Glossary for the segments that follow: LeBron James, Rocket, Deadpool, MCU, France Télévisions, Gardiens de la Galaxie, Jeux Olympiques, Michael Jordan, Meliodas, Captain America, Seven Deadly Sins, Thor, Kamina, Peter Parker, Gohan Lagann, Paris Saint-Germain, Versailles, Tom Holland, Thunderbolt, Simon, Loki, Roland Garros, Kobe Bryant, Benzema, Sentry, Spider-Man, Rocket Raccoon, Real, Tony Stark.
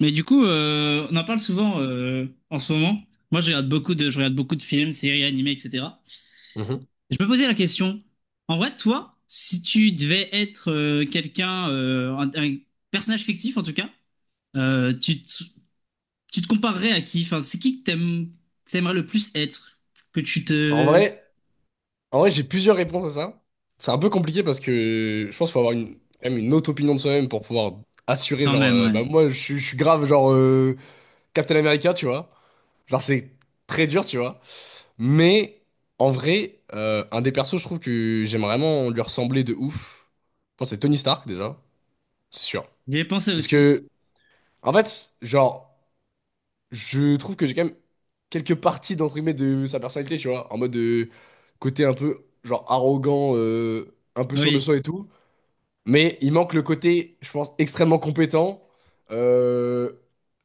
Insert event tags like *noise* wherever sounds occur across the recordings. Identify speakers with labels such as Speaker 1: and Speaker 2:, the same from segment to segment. Speaker 1: On en parle souvent en ce moment. Moi, je regarde beaucoup de films, séries, animés, etc.
Speaker 2: Mhm.
Speaker 1: Et je me posais la question, en vrai, toi, si tu devais être quelqu'un, un personnage fictif en tout cas, euh, tu te, tu te comparerais à qui? Enfin, c'est qui que t'aimes, que t'aimerais le plus être? Que tu
Speaker 2: En
Speaker 1: te...
Speaker 2: vrai, en vrai, j'ai plusieurs réponses à ça. C'est un peu compliqué parce que je pense qu'il faut avoir quand même une autre opinion de soi-même pour pouvoir assurer,
Speaker 1: Quand
Speaker 2: genre,
Speaker 1: même, ouais.
Speaker 2: bah moi, je suis grave, genre, Captain America, tu vois. Genre, c'est très dur, tu vois. Mais, en vrai, un des persos, je trouve que j'aime vraiment lui ressembler de ouf. Je pense que c'est Tony Stark, déjà. C'est sûr.
Speaker 1: J'y ai pensé
Speaker 2: Parce
Speaker 1: aussi.
Speaker 2: que, en fait, genre, je trouve que j'ai quand même quelques parties d'entre guillemets de sa personnalité, tu vois, en mode de côté un peu genre arrogant, un peu sûr de
Speaker 1: Oui,
Speaker 2: soi et tout. Mais il manque le côté, je pense, extrêmement compétent, euh,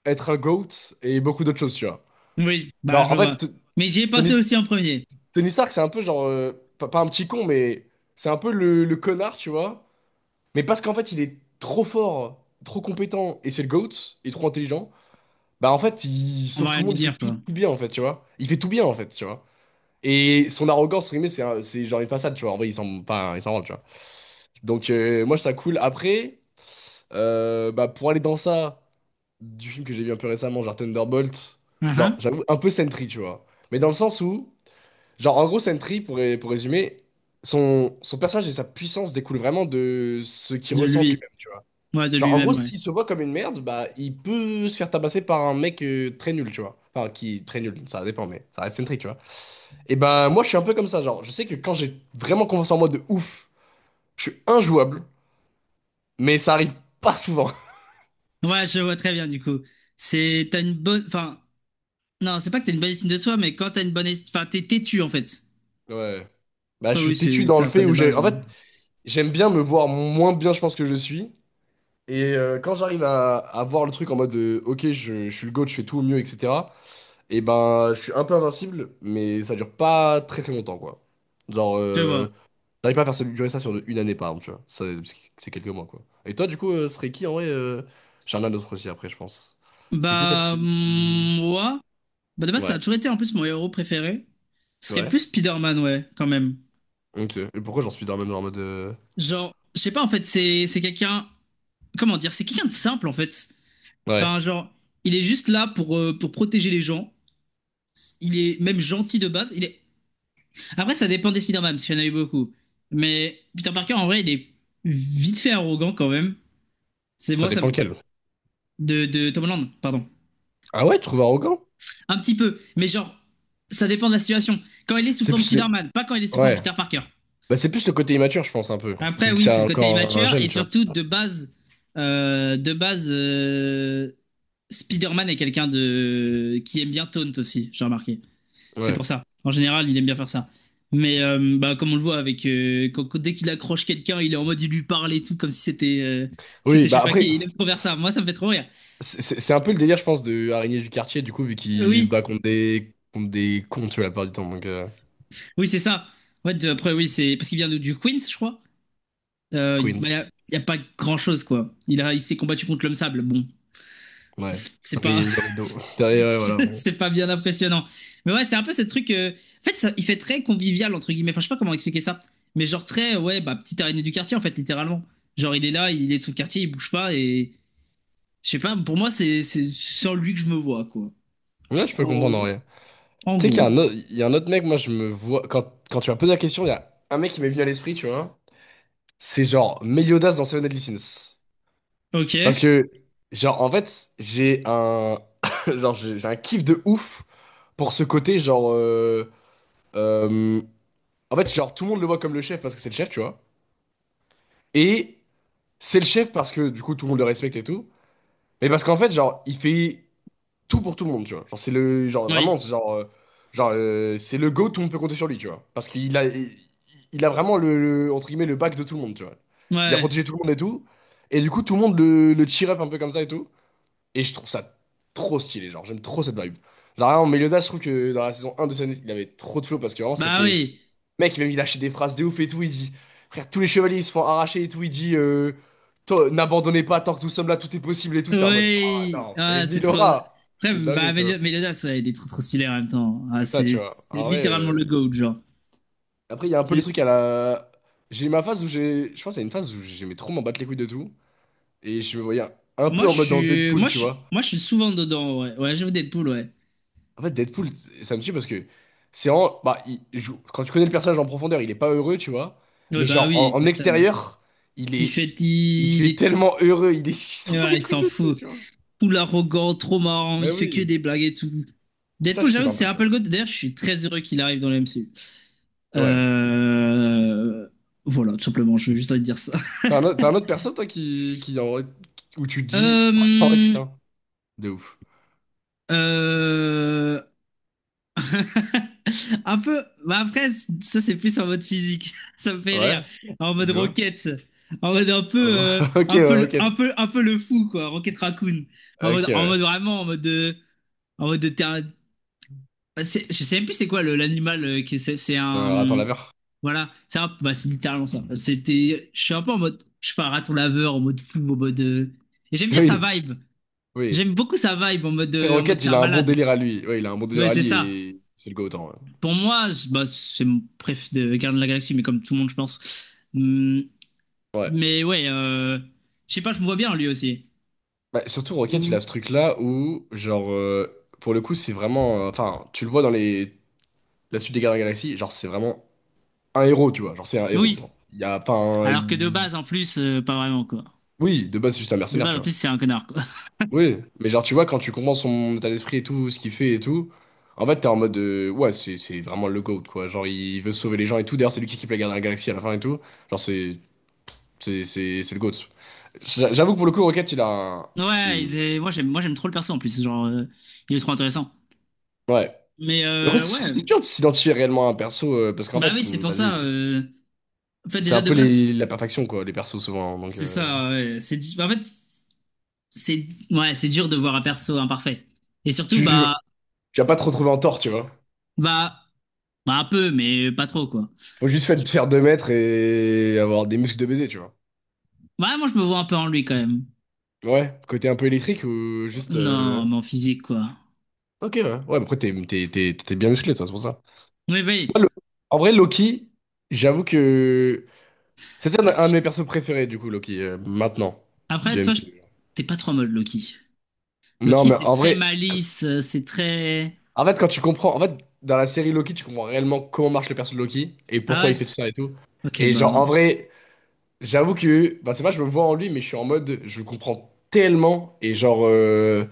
Speaker 2: être un GOAT et beaucoup d'autres choses, tu vois.
Speaker 1: oui,
Speaker 2: Non,
Speaker 1: bah je
Speaker 2: en fait,
Speaker 1: vois. Mais j'y ai
Speaker 2: Tony,
Speaker 1: pensé aussi en premier.
Speaker 2: Tony Stark, c'est un peu genre, pas un petit con, mais c'est un peu le connard, tu vois. Mais parce qu'en fait, il est trop fort, trop compétent et c'est le GOAT, il est trop intelligent. Bah en fait, il
Speaker 1: On va
Speaker 2: sauve tout
Speaker 1: rien
Speaker 2: le
Speaker 1: lui
Speaker 2: monde, il fait
Speaker 1: dire,
Speaker 2: tout,
Speaker 1: quoi.
Speaker 2: tout bien en fait, tu vois. Il fait tout bien en fait, tu vois. Et son arrogance, entre guillemets, c'est genre une façade, tu vois. En vrai, il s'en pas, il s'en rend, tu vois. Donc moi, je trouve ça cool. Après, bah pour aller dans ça, du film que j'ai vu un peu récemment, genre Thunderbolt,
Speaker 1: Ah,
Speaker 2: genre
Speaker 1: ah.
Speaker 2: j'avoue un peu Sentry, tu vois. Mais dans le sens où, genre en gros Sentry, pour résumer, son personnage et sa puissance découlent vraiment de ce qu'il
Speaker 1: De
Speaker 2: ressent de
Speaker 1: lui.
Speaker 2: lui-même.
Speaker 1: Ouais, de
Speaker 2: Genre, en gros,
Speaker 1: lui-même, ouais.
Speaker 2: s'il se voit comme une merde, bah, il peut se faire tabasser par un mec très nul, tu vois. Enfin, qui très nul, ça dépend, mais ça reste centrique, tu vois. Et bah, moi, je suis un peu comme ça, genre, je sais que quand j'ai vraiment confiance en moi de ouf, je suis injouable, mais ça arrive pas souvent. *laughs*
Speaker 1: Ouais, je vois très bien du coup. C'est t'as une bonne, enfin non, c'est pas que t'as une bonne estime de toi, mais quand t'as une bonne estime, enfin t'es têtu en fait.
Speaker 2: Ouais. Bah, je
Speaker 1: Après oui,
Speaker 2: suis têtu
Speaker 1: c'est
Speaker 2: dans
Speaker 1: ça
Speaker 2: le
Speaker 1: après
Speaker 2: fait
Speaker 1: de
Speaker 2: où j'ai. En
Speaker 1: base.
Speaker 2: fait, j'aime bien me voir moins bien, je pense, que je suis. Et quand j'arrive à voir le truc en mode, ok, je suis le GOAT, je fais tout au mieux, etc. Et ben, je suis un peu invincible, mais ça dure pas très très longtemps, quoi. Genre,
Speaker 1: Je vois.
Speaker 2: j'arrive pas à durer ça sur une année par exemple, tu vois. Ça, c'est quelques mois, quoi. Et toi, du coup, ce serait qui en vrai j'en ai un autre aussi après, je pense. C'est qui toi
Speaker 1: Bah
Speaker 2: qui te-
Speaker 1: mm, moi, bah de base ça a
Speaker 2: Ouais,
Speaker 1: toujours été en plus mon héros préféré. Ce serait
Speaker 2: ouais.
Speaker 1: plus Spider-Man ouais, quand même.
Speaker 2: Ok. Et pourquoi j'en suis dans même genre en mode,
Speaker 1: Genre, je sais pas en fait, c'est quelqu'un, comment dire, c'est quelqu'un de simple en fait.
Speaker 2: ouais,
Speaker 1: Enfin genre, il est juste là pour protéger les gens. Il est même gentil de base. Il est. Après, ça dépend des Spider-Man, parce qu'il y en a eu beaucoup. Mais Peter Parker, en vrai, il est vite fait arrogant quand même. C'est
Speaker 2: ça
Speaker 1: moi, ça.
Speaker 2: dépend lequel.
Speaker 1: De Tom Holland, pardon.
Speaker 2: Ah ouais, tu trouves arrogant?
Speaker 1: Un petit peu. Mais genre, ça dépend de la situation. Quand il est sous
Speaker 2: C'est
Speaker 1: forme
Speaker 2: plus le.
Speaker 1: Spider-Man, pas quand il est sous forme
Speaker 2: Ouais.
Speaker 1: Peter Parker.
Speaker 2: Bah, c'est plus le côté immature, je pense, un peu.
Speaker 1: Après,
Speaker 2: Vu que
Speaker 1: oui,
Speaker 2: c'est
Speaker 1: c'est le côté
Speaker 2: encore un
Speaker 1: immature.
Speaker 2: jeune,
Speaker 1: Et
Speaker 2: tu vois.
Speaker 1: surtout, de base, euh, de base euh, Spider-Man est quelqu'un de... qui aime bien Taunt aussi, j'ai remarqué. C'est
Speaker 2: Ouais.
Speaker 1: pour ça. En général, il aime bien faire ça. Mais bah, comme on le voit, avec, dès qu'il accroche quelqu'un, il est en mode, il lui parle et tout, comme si c'était, c'était
Speaker 2: Oui,
Speaker 1: je sais
Speaker 2: bah
Speaker 1: pas
Speaker 2: après,
Speaker 1: qui. Il aime trop faire ça.
Speaker 2: c'est
Speaker 1: Moi, ça me fait trop rire.
Speaker 2: c'est un peu le délire, je pense, de araignée du quartier, du coup, vu qu'il se
Speaker 1: Oui,
Speaker 2: bat contre contre des cons, tu vois, la plupart du temps. Donc,
Speaker 1: oui, c'est ça. En fait, après, oui, c'est parce qu'il vient du Queens, je crois. Bah,
Speaker 2: Queens.
Speaker 1: y a pas grand-chose, quoi. Il s'est combattu contre l'homme sable. Bon,
Speaker 2: Ouais.
Speaker 1: c'est pas
Speaker 2: Le rideau. *laughs*
Speaker 1: *laughs*
Speaker 2: Derrière, ouais, voilà, bon.
Speaker 1: c'est pas bien impressionnant. Mais ouais, c'est un peu ce truc. En fait, ça, il fait très convivial entre guillemets. Enfin, je sais pas comment expliquer ça. Mais genre très ouais, bah petite araignée du quartier en fait, littéralement. Genre il est là, il est de son quartier, il bouge pas et je sais pas. Pour moi, c'est sur lui que je me vois quoi.
Speaker 2: Là, je peux comprendre en
Speaker 1: En,
Speaker 2: vrai.
Speaker 1: en
Speaker 2: Tu sais qu'il y a
Speaker 1: gros.
Speaker 2: un autre, il y a un autre mec, moi, je me vois. Quand tu m'as posé la question, il y a un mec qui m'est venu à l'esprit, tu vois. C'est genre Meliodas dans Seven Deadly Sins. Parce
Speaker 1: Ok.
Speaker 2: que, genre, en fait, j'ai un. *laughs* Genre, j'ai un kiff de ouf pour ce côté, genre, euh, en fait, genre, tout le monde le voit comme le chef parce que c'est le chef, tu vois. Et c'est le chef parce que, du coup, tout le monde le respecte et tout. Mais parce qu'en fait, genre, il fait tout pour tout le monde, tu vois. Genre, c'est le genre
Speaker 1: Oui.
Speaker 2: vraiment, c'est genre, c'est le GOAT, tout le monde peut compter sur lui, tu vois. Parce qu'il a, il a vraiment entre guillemets le bac de tout le monde, tu vois. Il a
Speaker 1: Ouais.
Speaker 2: protégé tout le monde et tout. Et du coup, tout le monde le cheer up un peu comme ça et tout. Et je trouve ça trop stylé, genre j'aime trop cette vibe. Genre vraiment, Meliodas, je trouve que dans la saison un de Sun, il avait trop de flow parce que vraiment
Speaker 1: Bah
Speaker 2: c'était
Speaker 1: oui.
Speaker 2: mec, il a lâché des phrases de ouf et tout. Il dit, frère, tous les chevaliers ils se font arracher et tout. Il dit, toi, n'abandonnez pas tant que nous sommes là, tout est possible et tout. T'es en mode, oh
Speaker 1: Oui.
Speaker 2: non, mais
Speaker 1: Ah, c'est trop.
Speaker 2: Milora,
Speaker 1: Après,
Speaker 2: c'est dingue,
Speaker 1: bah
Speaker 2: tu vois.
Speaker 1: Meliodas, ouais, il est trop trop stylé en même temps. Ah,
Speaker 2: C'est ça,
Speaker 1: c'est
Speaker 2: tu vois.
Speaker 1: c'est
Speaker 2: En vrai,
Speaker 1: littéralement le goat genre.
Speaker 2: après, il y a un peu les trucs à la. J'ai eu ma phase où j'ai. Je pense qu'il y a une phase où j'aimais trop m'en battre les couilles de tout. Et je me voyais un peu en mode dans Deadpool, tu vois.
Speaker 1: Moi, je suis souvent dedans, ouais. Ouais, j'aime Deadpool, ouais.
Speaker 2: En fait, Deadpool, ça me tue parce que c'est en. Bah, quand tu connais le personnage en profondeur, il est pas heureux, tu vois.
Speaker 1: Ouais,
Speaker 2: Mais
Speaker 1: bah
Speaker 2: genre,
Speaker 1: oui, tu
Speaker 2: en
Speaker 1: m'étonnes.
Speaker 2: extérieur, il
Speaker 1: Il
Speaker 2: est.
Speaker 1: fait,
Speaker 2: Il se
Speaker 1: il,
Speaker 2: fait
Speaker 1: est-
Speaker 2: tellement heureux, il est. *laughs* Il s'en bat
Speaker 1: voilà,
Speaker 2: les
Speaker 1: il
Speaker 2: couilles
Speaker 1: s'en
Speaker 2: de tout,
Speaker 1: fout.
Speaker 2: tu vois.
Speaker 1: Tout l'arrogant, trop marrant,
Speaker 2: Mais
Speaker 1: il fait que
Speaker 2: oui.
Speaker 1: des blagues et tout.
Speaker 2: Ça,
Speaker 1: Deadpool,
Speaker 2: je
Speaker 1: j'avoue
Speaker 2: kiffe
Speaker 1: que
Speaker 2: un
Speaker 1: c'est
Speaker 2: peu, tu vois.
Speaker 1: Apple God. D'ailleurs, je suis très heureux qu'il arrive dans le MCU.
Speaker 2: Ouais.
Speaker 1: Euh, Voilà, tout simplement, je veux juste te dire ça. *laughs*
Speaker 2: T'as un, t'as un autre perso, toi, en- où tu te dis. *laughs* Ah ouais,
Speaker 1: Euh,
Speaker 2: putain, de ouf.
Speaker 1: euh, Un peu. Bah après, ça c'est plus en mode physique. *laughs* Ça me fait rire.
Speaker 2: Ouais,
Speaker 1: En mode
Speaker 2: tu vois.
Speaker 1: roquette. En mode un peu,
Speaker 2: *laughs* Ok, ouais, ok.
Speaker 1: un peu le fou quoi. Rocket Raccoon.
Speaker 2: Ok,
Speaker 1: En
Speaker 2: ouais.
Speaker 1: mode vraiment, en mode de terrain- bah, je sais même plus c'est quoi l'animal que c'est. C'est
Speaker 2: Attends,
Speaker 1: un.
Speaker 2: laveur.
Speaker 1: Voilà. Bah, c'est littéralement ça. C'était. Je suis un peu en mode. Je suis pas un raton laveur en mode fou, en mode. Et j'aime
Speaker 2: *laughs*
Speaker 1: bien sa
Speaker 2: Oui,
Speaker 1: vibe.
Speaker 2: oui.
Speaker 1: J'aime beaucoup sa vibe
Speaker 2: Après,
Speaker 1: en mode
Speaker 2: Rocket,
Speaker 1: c'est
Speaker 2: il
Speaker 1: un
Speaker 2: a un bon
Speaker 1: malade.
Speaker 2: délire à lui. Ouais, il a un bon délire
Speaker 1: Ouais,
Speaker 2: à
Speaker 1: c'est
Speaker 2: lui
Speaker 1: ça.
Speaker 2: et c'est le go-autant. Ouais.
Speaker 1: Pour moi, bah, c'est mon préf de Gardiens de la Galaxie, mais comme tout le monde, je pense.
Speaker 2: Ouais.
Speaker 1: Mais ouais, je sais pas, je me vois bien lui aussi.
Speaker 2: Bah, surtout Rocket, il a ce truc-là où, genre, pour le coup, c'est vraiment, enfin, tu le vois dans les... la suite des Gardiens de la Galaxie, genre, c'est vraiment un héros, tu vois. Genre, c'est un héros. Genre.
Speaker 1: Oui.
Speaker 2: Il y a pas un.
Speaker 1: Alors que de
Speaker 2: Il-
Speaker 1: base, en plus, pas vraiment quoi.
Speaker 2: Oui, de base, c'est juste un
Speaker 1: De
Speaker 2: mercenaire,
Speaker 1: base,
Speaker 2: tu
Speaker 1: en plus,
Speaker 2: vois.
Speaker 1: c'est un connard quoi. *laughs*
Speaker 2: Oui, mais genre, tu vois, quand tu comprends son état d'esprit et tout, ce qu'il fait et tout, en fait, t'es en mode, ouais, c'est vraiment le GOAT, quoi. Genre, il veut sauver les gens et tout. D'ailleurs, c'est lui qui équipe les Gardiens de la Galaxie à la fin et tout. Genre, c'est. C'est le GOAT. J'avoue que pour le coup, Rocket, il a un.
Speaker 1: Ouais,
Speaker 2: Il-
Speaker 1: moi j'aime trop le perso en plus, genre, il est trop intéressant.
Speaker 2: Ouais.
Speaker 1: Mais
Speaker 2: Après, c'est je trouve que
Speaker 1: ouais,
Speaker 2: c'est dur de s'identifier réellement à un perso, parce qu'en
Speaker 1: bah
Speaker 2: fait,
Speaker 1: oui, c'est
Speaker 2: c'est-
Speaker 1: pour
Speaker 2: vas-y,
Speaker 1: ça. En fait,
Speaker 2: c'est un
Speaker 1: déjà de
Speaker 2: peu
Speaker 1: base,
Speaker 2: la perfection, quoi, les persos, souvent, hein, donc,
Speaker 1: c'est ça. Ouais, en fait, ouais, c'est dur de voir un perso imparfait. Et surtout,
Speaker 2: tu,
Speaker 1: bah,
Speaker 2: tu vas pas te retrouver en tort, tu vois.
Speaker 1: bah, bah un peu, mais pas trop quoi.
Speaker 2: Faut juste faire 2 mètres et avoir des muscles de baiser, tu vois.
Speaker 1: Ouais, moi, je me vois un peu en lui quand même.
Speaker 2: Ouais, côté un peu électrique ou juste...
Speaker 1: Non, mais en physique, quoi.
Speaker 2: ok, ouais. Ouais, mais après, t'es bien musclé, toi, c'est pour ça.
Speaker 1: Oui, oui.
Speaker 2: Moi, le- En vrai, Loki, j'avoue que... C'était
Speaker 1: Toi,
Speaker 2: un de
Speaker 1: tu-
Speaker 2: mes persos préférés, du coup, Loki, maintenant, du
Speaker 1: Après, toi, je-
Speaker 2: MCU.
Speaker 1: t'es pas trop en mode Loki.
Speaker 2: Non,
Speaker 1: Loki,
Speaker 2: mais
Speaker 1: c'est
Speaker 2: en
Speaker 1: très
Speaker 2: vrai...
Speaker 1: malice, c'est très.
Speaker 2: En fait, quand tu comprends, en fait, dans la série Loki, tu comprends réellement comment marche le perso de Loki et
Speaker 1: Ah
Speaker 2: pourquoi
Speaker 1: ouais?
Speaker 2: il fait tout ça et tout.
Speaker 1: Ok,
Speaker 2: Et genre, en
Speaker 1: bah.
Speaker 2: vrai, j'avoue que, bah, c'est pas, je me vois en lui, mais je suis en mode, je le comprends tellement et genre,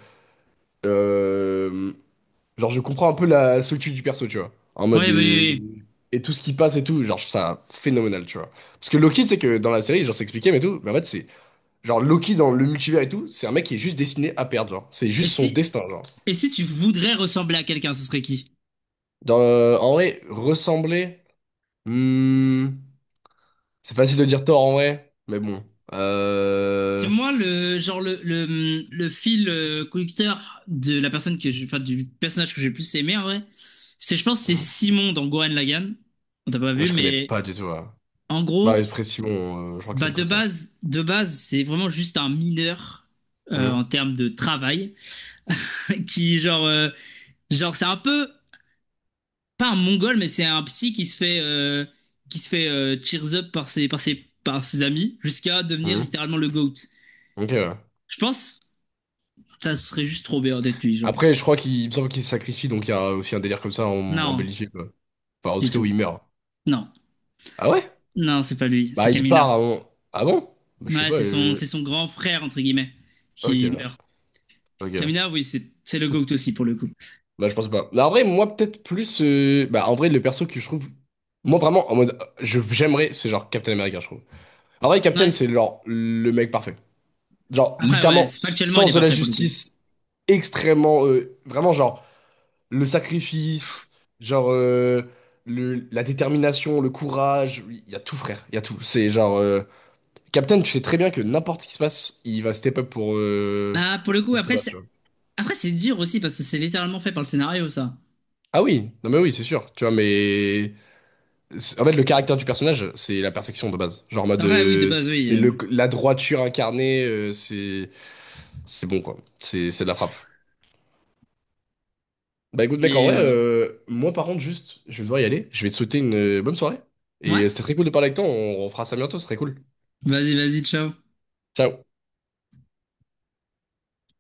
Speaker 2: euh, genre, je comprends un peu la solitude du perso, tu vois. En mode,
Speaker 1: Ouais, oui, oui, oui.
Speaker 2: et tout ce qui passe et tout, genre, je trouve ça phénoménal, tu vois. Parce que Loki, c'est que dans la série, genre, c'est expliqué, mais tout, mais en fait, c'est, genre, Loki dans le multivers et tout, c'est un mec qui est juste destiné à perdre, genre. C'est
Speaker 1: Et
Speaker 2: juste son
Speaker 1: si,
Speaker 2: destin, genre.
Speaker 1: et si tu voudrais ressembler à quelqu'un, ce serait qui?
Speaker 2: Dans, en vrai, ressembler. Hmm, c'est facile de dire Thor en vrai, mais bon.
Speaker 1: C'est
Speaker 2: Euh...
Speaker 1: moi le genre le fil conducteur de la personne que j'ai, enfin, du personnage que j'ai le plus aimé en vrai. C'est, je pense, que c'est
Speaker 2: hmm,
Speaker 1: Simon dans Gohan Lagann. On t'a pas vu,
Speaker 2: je connais
Speaker 1: mais
Speaker 2: pas du tout là.
Speaker 1: en
Speaker 2: Bah,
Speaker 1: gros.
Speaker 2: Esprit Simon, je crois que c'est
Speaker 1: Bah
Speaker 2: le coton.
Speaker 1: de base, c'est vraiment juste un mineur
Speaker 2: Hmm,
Speaker 1: en termes de travail *laughs* qui genre genre c'est un peu pas un mongol mais c'est un psy qui se fait cheers up par ses amis jusqu'à devenir
Speaker 2: hmm,
Speaker 1: littéralement le goat.
Speaker 2: ok, ouais.
Speaker 1: Je pense ça serait juste trop bien d'être lui genre.
Speaker 2: Après, je crois qu'il il me semble qu'il se sacrifie, donc il y a aussi un délire comme ça en
Speaker 1: Non,
Speaker 2: Belgique, quoi. Enfin, en
Speaker 1: du
Speaker 2: tout cas, où
Speaker 1: tout.
Speaker 2: il meurt.
Speaker 1: Non.
Speaker 2: Ah ouais?
Speaker 1: Non, c'est pas lui, c'est
Speaker 2: Bah, il part
Speaker 1: Kamina.
Speaker 2: avant. Ah bon? Bah, je sais
Speaker 1: Ouais,
Speaker 2: pas,
Speaker 1: c'est son c'est son grand frère entre guillemets
Speaker 2: ok,
Speaker 1: qui
Speaker 2: ouais,
Speaker 1: meurt.
Speaker 2: ok.
Speaker 1: Kamina, oui, c'est le goat aussi pour le coup.
Speaker 2: Bah, je pense pas. Bah, en vrai, moi, peut-être plus, bah, en vrai, le perso que je trouve. Moi, vraiment, en mode, j'aimerais, c'est genre Captain America, je trouve. En vrai, Captain,
Speaker 1: Ouais.
Speaker 2: c'est genre le mec parfait. Genre,
Speaker 1: Après ouais,
Speaker 2: littéralement,
Speaker 1: factuellement il
Speaker 2: sens
Speaker 1: est
Speaker 2: de la
Speaker 1: parfait pour le coup.
Speaker 2: justice extrêmement, vraiment, genre, le sacrifice, genre, la détermination, le courage. Oui, il y a tout, frère. Il y a tout. C'est genre, Captain, tu sais très bien que n'importe ce qui se passe, il va step up
Speaker 1: Bah, pour le coup,
Speaker 2: pour se battre, tu vois.
Speaker 1: c'est dur aussi parce que c'est littéralement fait par le scénario, ça.
Speaker 2: Ah oui, non mais oui, c'est sûr. Tu vois, mais c'est- en fait, le caractère du personnage, c'est la perfection de base. Genre, en mode,
Speaker 1: Après, oui, de base, oui.
Speaker 2: c'est la droiture incarnée, c'est. C'est bon, quoi. C'est de la frappe. Bah écoute mec, en
Speaker 1: Mais
Speaker 2: vrai,
Speaker 1: voilà.
Speaker 2: moi par contre juste, je vais devoir y aller. Je vais te souhaiter une bonne soirée. Et
Speaker 1: Ouais.
Speaker 2: c'était très cool de parler avec toi, on refera ça bientôt, ce serait cool.
Speaker 1: Vas-y, ciao.
Speaker 2: Ciao.